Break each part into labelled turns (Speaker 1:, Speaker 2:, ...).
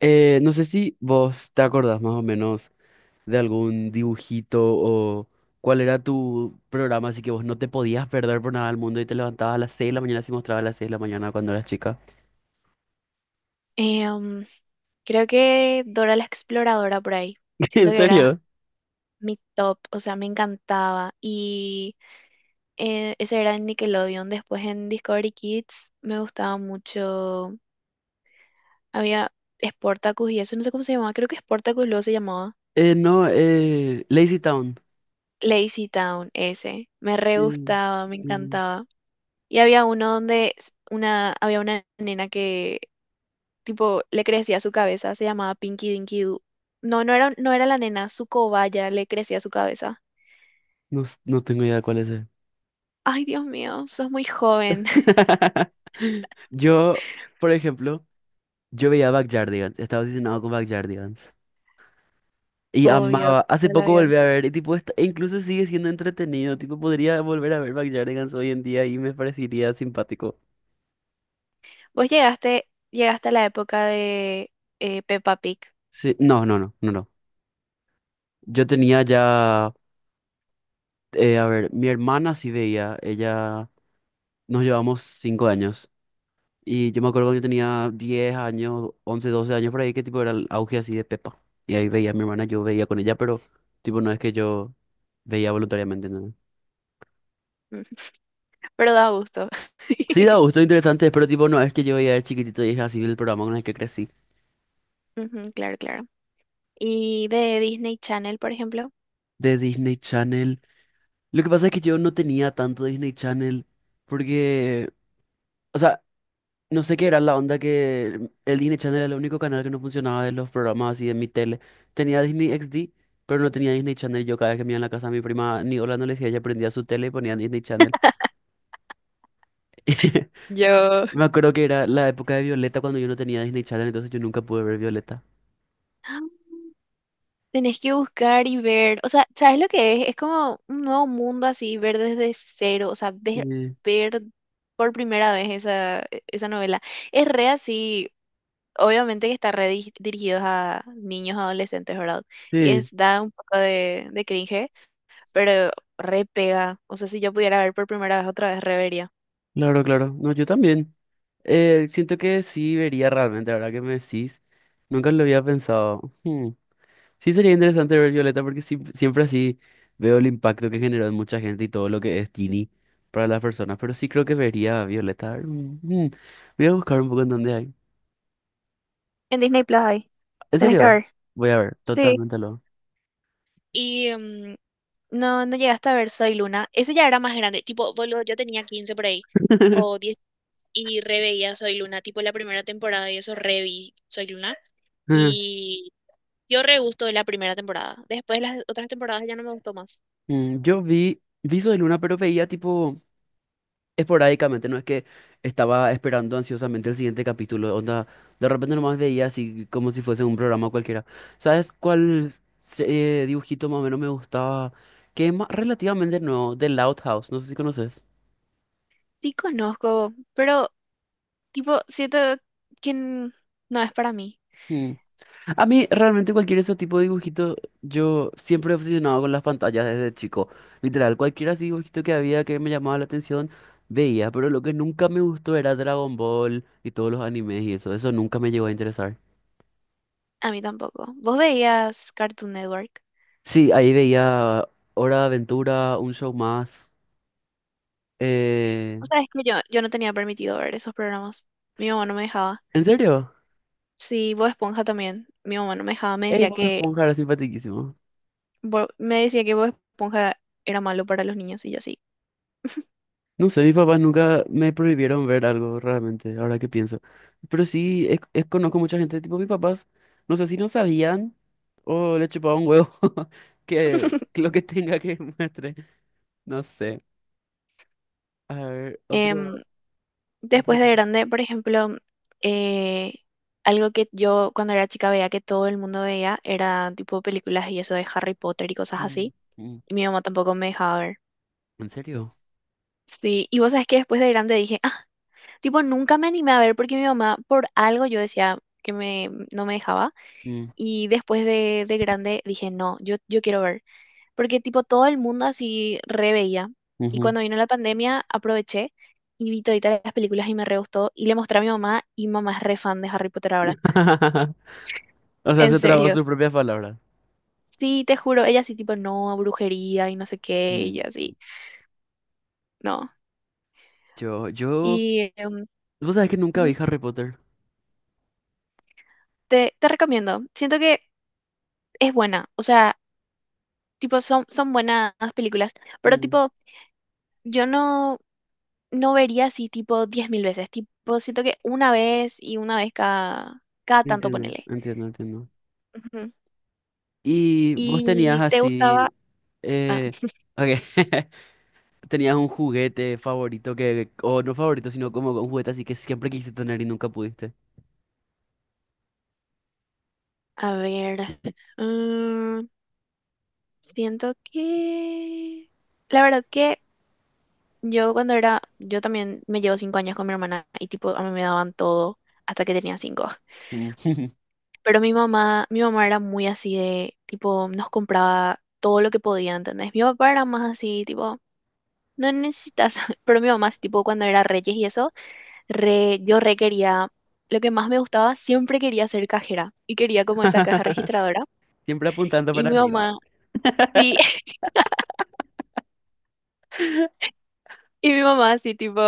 Speaker 1: No sé si vos te acordás más o menos de algún dibujito o cuál era tu programa, así que vos no te podías perder por nada del mundo y te levantabas a las 6 de la mañana si mostraba a las 6 de la mañana cuando eras chica.
Speaker 2: Em, Creo que Dora la Exploradora por ahí. Siento
Speaker 1: ¿En
Speaker 2: que era
Speaker 1: serio?
Speaker 2: mi top, o sea, me encantaba. Y ese era en Nickelodeon. Después en Discovery Kids me gustaba mucho. Había Sportacus y eso, no sé cómo se llamaba, creo que Sportacus luego se llamaba.
Speaker 1: No, Lazy Town.
Speaker 2: Lazy Town, ese. Me re
Speaker 1: Sí,
Speaker 2: gustaba, me
Speaker 1: sí.
Speaker 2: encantaba. Y había uno donde una, había una nena que tipo, le crecía su cabeza, se llamaba Pinky Dinky Doo. No, no era, la nena, su cobaya le crecía su cabeza.
Speaker 1: No, no tengo idea cuál es. Ese.
Speaker 2: Ay, Dios mío, sos muy joven.
Speaker 1: Yo, por ejemplo, yo veía Backyardigans, estaba obsesionado con Backyardigans. Y
Speaker 2: Obvio,
Speaker 1: amaba. Hace
Speaker 2: toda la
Speaker 1: poco
Speaker 2: vida.
Speaker 1: volví a ver, y tipo, e incluso sigue siendo entretenido. Tipo, podría volver a ver Backyardigans hoy en día y me parecería simpático.
Speaker 2: Vos llegaste, llegaste a la época de Peppa Pig.
Speaker 1: Sí, no, no, no, no, no. Yo tenía ya, a ver, mi hermana sí veía, ella, nos llevamos 5 años. Y yo me acuerdo cuando yo tenía 10 años, 11 12 años por ahí, que tipo era el auge así de Pepa. Y ahí veía a mi hermana, yo veía con ella, pero tipo no es que yo veía voluntariamente, ¿no?
Speaker 2: Ujú, pero da gusto.
Speaker 1: Sí, da gusto, interesante, pero tipo no es que yo veía de chiquitito y es así el programa con el que crecí.
Speaker 2: Ujú, claro, claro. Y de Disney Channel, por ejemplo.
Speaker 1: De Disney Channel. Lo que pasa es que yo no tenía tanto Disney Channel porque, o sea, no sé qué era la onda que el Disney Channel era el único canal que no funcionaba de los programas así de mi tele. Tenía Disney XD, pero no tenía Disney Channel. Yo cada vez que me iba en la casa de mi prima, ni hola no le decía, ella prendía su tele y ponía Disney Channel.
Speaker 2: Yo,
Speaker 1: Me acuerdo que era la época de Violeta cuando yo no tenía Disney Channel, entonces yo nunca pude ver Violeta.
Speaker 2: tenés que buscar y ver, o sea, ¿sabes lo que es? Es como un nuevo mundo así, ver desde cero, o sea, ver,
Speaker 1: Sí,
Speaker 2: ver por primera vez esa, esa novela. Es re así, obviamente que está dirigidos a niños, adolescentes, ¿verdad? Y es,
Speaker 1: sí,
Speaker 2: da un poco de cringe, pero re pega. O sea, si yo pudiera ver por primera vez otra vez, revería.
Speaker 1: claro, claro. No, yo también. Siento que sí vería realmente, ahora que me decís. Nunca lo había pensado. Hmm. Sí sería interesante ver Violeta porque siempre así veo el impacto que generó en mucha gente y todo lo que es Ginny para las personas. Pero sí creo que vería a Violeta. A ver, voy a buscar un poco en dónde hay.
Speaker 2: En Disney Plus hay,
Speaker 1: ¿En
Speaker 2: tenés que
Speaker 1: serio?
Speaker 2: ver.
Speaker 1: Voy a ver,
Speaker 2: Sí.
Speaker 1: totalmente lo.
Speaker 2: Y no, no llegaste a ver Soy Luna. Ese ya era más grande, tipo, boludo, yo tenía 15 por ahí, o y reveía Soy Luna, tipo la primera temporada y eso reví Soy Luna y dio re gusto de la primera temporada. Después las otras temporadas ya no me gustó más.
Speaker 1: Yo vi Viso de Luna, pero veía tipo esporádicamente, no es que estaba esperando ansiosamente el siguiente capítulo, onda, de repente nomás veía así como si fuese un programa cualquiera. ¿Sabes cuál dibujito más o menos me gustaba? Que es relativamente nuevo, The Loud House, no sé si conoces.
Speaker 2: Sí conozco, pero tipo, siento que no es para mí.
Speaker 1: Mm. A mí realmente cualquier de esos tipos de dibujitos, yo siempre he obsesionado con las pantallas desde chico. Literal, cualquier así dibujito que había que me llamaba la atención, veía, pero lo que nunca me gustó era Dragon Ball y todos los animes y eso nunca me llegó a interesar.
Speaker 2: A mí tampoco. ¿Vos veías Cartoon Network?
Speaker 1: Sí, ahí veía Hora de Aventura, un show más. Eh,
Speaker 2: O sea, es que yo no tenía permitido ver esos programas. Mi mamá no me dejaba.
Speaker 1: ¿En serio?
Speaker 2: Sí, Bob Esponja también. Mi mamá no me dejaba. Me
Speaker 1: Ey,
Speaker 2: decía
Speaker 1: Bob
Speaker 2: que
Speaker 1: Esponja era simpaticísimo.
Speaker 2: Bob Esponja era malo para los niños y yo sí.
Speaker 1: No sé, mis papás nunca me prohibieron ver algo realmente, ahora que pienso. Pero sí, conozco mucha gente, tipo mis papás, no sé si no sabían o le chupaba un huevo que lo que tenga que muestre. No sé. A ver, otro,
Speaker 2: Em,
Speaker 1: otro.
Speaker 2: Después de grande, por ejemplo, eh, algo que yo cuando era chica veía que todo el mundo veía era tipo películas y eso de Harry Potter y cosas
Speaker 1: Mm,
Speaker 2: así.
Speaker 1: mm.
Speaker 2: Y mi mamá tampoco me dejaba ver.
Speaker 1: ¿En serio?
Speaker 2: Sí, y vos sabés que después de grande dije, ah, tipo, nunca me animé a ver porque mi mamá, por algo yo decía que no me dejaba.
Speaker 1: Mm,
Speaker 2: Y después de grande dije, no, yo quiero ver. Porque tipo todo el mundo así re veía. Y
Speaker 1: ujú.
Speaker 2: cuando vino la pandemia aproveché y vi toditas las películas y me re gustó. Y le mostré a mi mamá y mi mamá es re fan de Harry Potter ahora.
Speaker 1: O sea,
Speaker 2: En
Speaker 1: se trabó
Speaker 2: serio.
Speaker 1: sus propias palabras.
Speaker 2: Sí, te juro. Ella sí tipo, no, brujería y no sé qué. Y yo
Speaker 1: Mm.
Speaker 2: así, no.
Speaker 1: Yo, yo,
Speaker 2: Y
Speaker 1: vos sabés que nunca vi
Speaker 2: ujú,
Speaker 1: Harry Potter.
Speaker 2: te recomiendo. Siento que es buena. O sea, tipo son buenas películas. Pero
Speaker 1: Mm,
Speaker 2: tipo, yo no... no vería así tipo 10.000 veces, tipo siento que una vez y una vez cada tanto
Speaker 1: entiendo,
Speaker 2: ponele.
Speaker 1: entiendo, entiendo.
Speaker 2: Ujú.
Speaker 1: Y vos tenías
Speaker 2: Y te gustaba,
Speaker 1: así,
Speaker 2: ah,
Speaker 1: eh, ok, tenías un juguete favorito que, o no favorito, sino como un juguete así que siempre quisiste tener y nunca pudiste.
Speaker 2: a ver, mm, siento que la verdad que yo cuando era, yo también me llevo 5 años con mi hermana y tipo a mí me daban todo hasta que tenía 5.
Speaker 1: Mm.
Speaker 2: Pero mi mamá era muy así de, tipo, nos compraba todo lo que podía, ¿entendés? Mi papá era más así, tipo, no necesitas, pero mi mamá, sí, tipo, cuando era Reyes y eso re, yo re quería, lo que más me gustaba, siempre quería ser cajera y quería como esa caja registradora.
Speaker 1: Siempre apuntando
Speaker 2: Y
Speaker 1: para
Speaker 2: mi
Speaker 1: arriba.
Speaker 2: mamá, sí, y mi mamá así tipo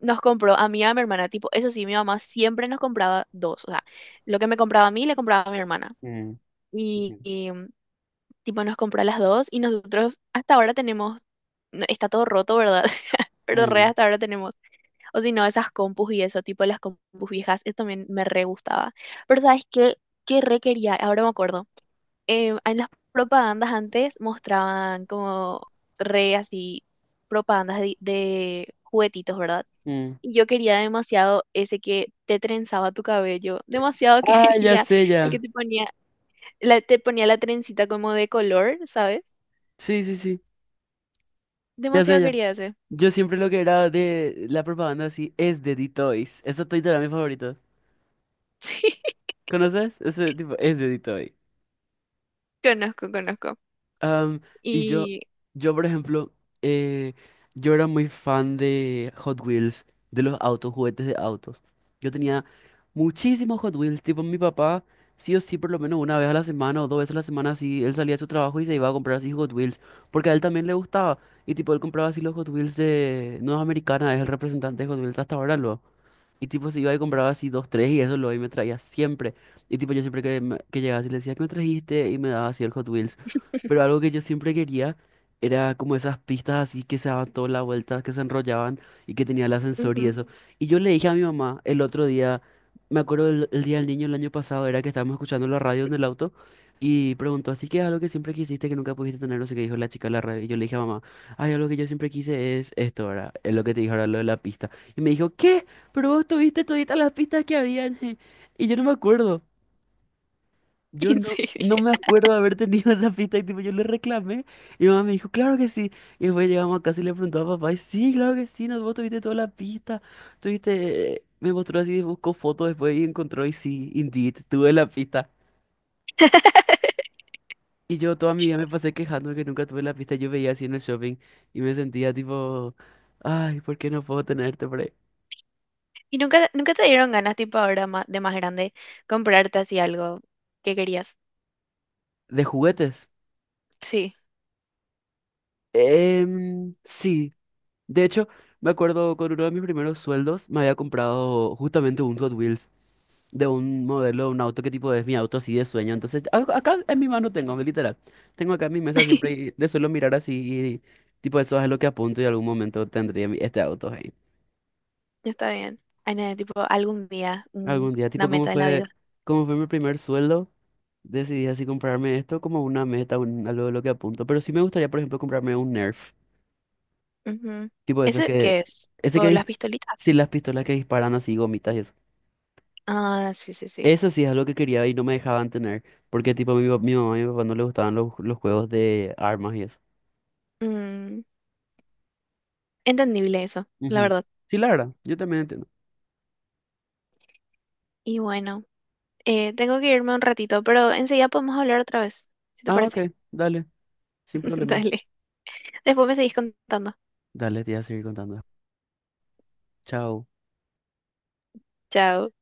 Speaker 2: nos compró a mí y a mi hermana, tipo, eso sí, mi mamá siempre nos compraba dos, o sea, lo que me compraba a mí le compraba a mi hermana.
Speaker 1: Mm,
Speaker 2: Y,
Speaker 1: ujú,
Speaker 2: y, tipo nos compró a las dos y nosotros hasta ahora tenemos, no, está todo roto, ¿verdad? Pero re
Speaker 1: mm,
Speaker 2: hasta ahora tenemos. O si no, esas compus y eso, tipo las compus viejas, eso también me re gustaba. Pero ¿sabes qué? ¿Qué re quería? Ahora me acuerdo en las propagandas antes mostraban como re así propagandas de juguetitos, ¿verdad?
Speaker 1: mm.
Speaker 2: Y yo quería demasiado ese que te trenzaba tu cabello, demasiado
Speaker 1: Ah, ya
Speaker 2: quería
Speaker 1: sé
Speaker 2: el que
Speaker 1: ya.
Speaker 2: te ponía, te ponía la trencita como de color, ¿sabes?
Speaker 1: Sí, sí, sí, ya sé
Speaker 2: Demasiado
Speaker 1: ya.
Speaker 2: quería ese.
Speaker 1: Yo siempre lo que era de la propaganda así es de D-Toys. Esos toys eran mis favoritos.
Speaker 2: Sí,
Speaker 1: ¿Conoces? Ese tipo, ese edito ahí.
Speaker 2: conozco, conozco.
Speaker 1: Am, y yo,
Speaker 2: Y,
Speaker 1: yo, por ejemplo, eh, yo era muy fan de Hot Wheels, de los autos, juguetes de autos. Yo tenía muchísimos Hot Wheels, tipo mi papá, sí o sí, por lo menos una vez a la semana o dos veces a la semana, sí, él salía de su trabajo y se iba a comprar así Hot Wheels, porque a él también le gustaba. Y tipo, él compraba así los Hot Wheels de Nueva Americana, es el representante de Hot Wheels hasta ahora, lo. Y tipo se iba y compraba así dos, tres y eso lo y me traía siempre. Y tipo yo siempre que, que llegaba así le decía, ¿qué me trajiste? Y me daba así el Hot Wheels. Pero algo que yo siempre quería era como esas pistas así que se daban toda la vuelta, que se enrollaban y que tenía el ascensor y
Speaker 2: ujú,
Speaker 1: eso. Y yo le dije a mi mamá el otro día, me acuerdo el día del niño el año pasado, era que estábamos escuchando la radio en el auto y preguntó, así que es algo que siempre quisiste que nunca pudiste tener, no sé qué dijo la chica de la radio. Y yo le dije a mamá, ay, algo que yo siempre quise es esto, ahora, es lo que te dije ahora, lo de la pista. Y me dijo, ¿qué? Pero vos tuviste toditas las pistas que habían. Y yo no me acuerdo. Yo
Speaker 2: y
Speaker 1: no,
Speaker 2: sí.
Speaker 1: no me acuerdo de haber tenido esa pista. Y tipo, yo le reclamé. Y mi mamá me dijo, claro que sí. Y después llegamos a casa y le preguntó a papá. Y sí, claro que sí. No, vos tuviste todas las pistas. Tuviste. Me mostró así, buscó fotos después y encontró. Y sí, indeed, tuve la pista. Y yo toda mi vida me pasé quejando de que nunca tuve la pista. Yo veía así en el shopping. Y me sentía tipo, ay, ¿por qué no puedo tenerte por ahí?
Speaker 2: ¿Y nunca te dieron ganas, tipo ahora de más grande, comprarte así algo que querías?
Speaker 1: ¿De juguetes?
Speaker 2: Sí.
Speaker 1: Sí, de hecho, me acuerdo con uno de mis primeros sueldos me había comprado justamente un Hot Wheels de un modelo, un auto que tipo es mi auto así de sueño. Entonces, acá en mi mano tengo, literal. Tengo acá en mi mesa siempre y le suelo mirar así y tipo eso es lo que apunto y algún momento tendría este auto ahí.
Speaker 2: Está bien. Ay, nene, tipo, algún día,
Speaker 1: Algún día,
Speaker 2: una
Speaker 1: tipo
Speaker 2: meta de la vida.
Speaker 1: como fue mi primer sueldo, decidí así comprarme esto como una meta, algo de lo que apunto. Pero sí me gustaría, por ejemplo, comprarme un Nerf.
Speaker 2: Ujú.
Speaker 1: Tipo eso
Speaker 2: ¿Ese
Speaker 1: que,
Speaker 2: qué es?
Speaker 1: ese que,
Speaker 2: ¿Por las pistolitas?
Speaker 1: sí, las pistolas que disparan así, gomitas y eso.
Speaker 2: Ah, sí, sí, sí.
Speaker 1: Eso sí es algo que quería y no me dejaban tener, porque tipo mi mamá y mi papá no les gustaban los juegos de armas y eso.
Speaker 2: Mm, entendible eso, la
Speaker 1: Ujú.
Speaker 2: verdad.
Speaker 1: Sí, la verdad, yo también entiendo.
Speaker 2: Y bueno, tengo que irme un ratito, pero enseguida podemos hablar otra vez, si te
Speaker 1: Ah, ok,
Speaker 2: parece.
Speaker 1: dale, sin problema.
Speaker 2: Dale. Después me seguís contando.
Speaker 1: Dale, te voy a seguir contando. Chao.
Speaker 2: Chao.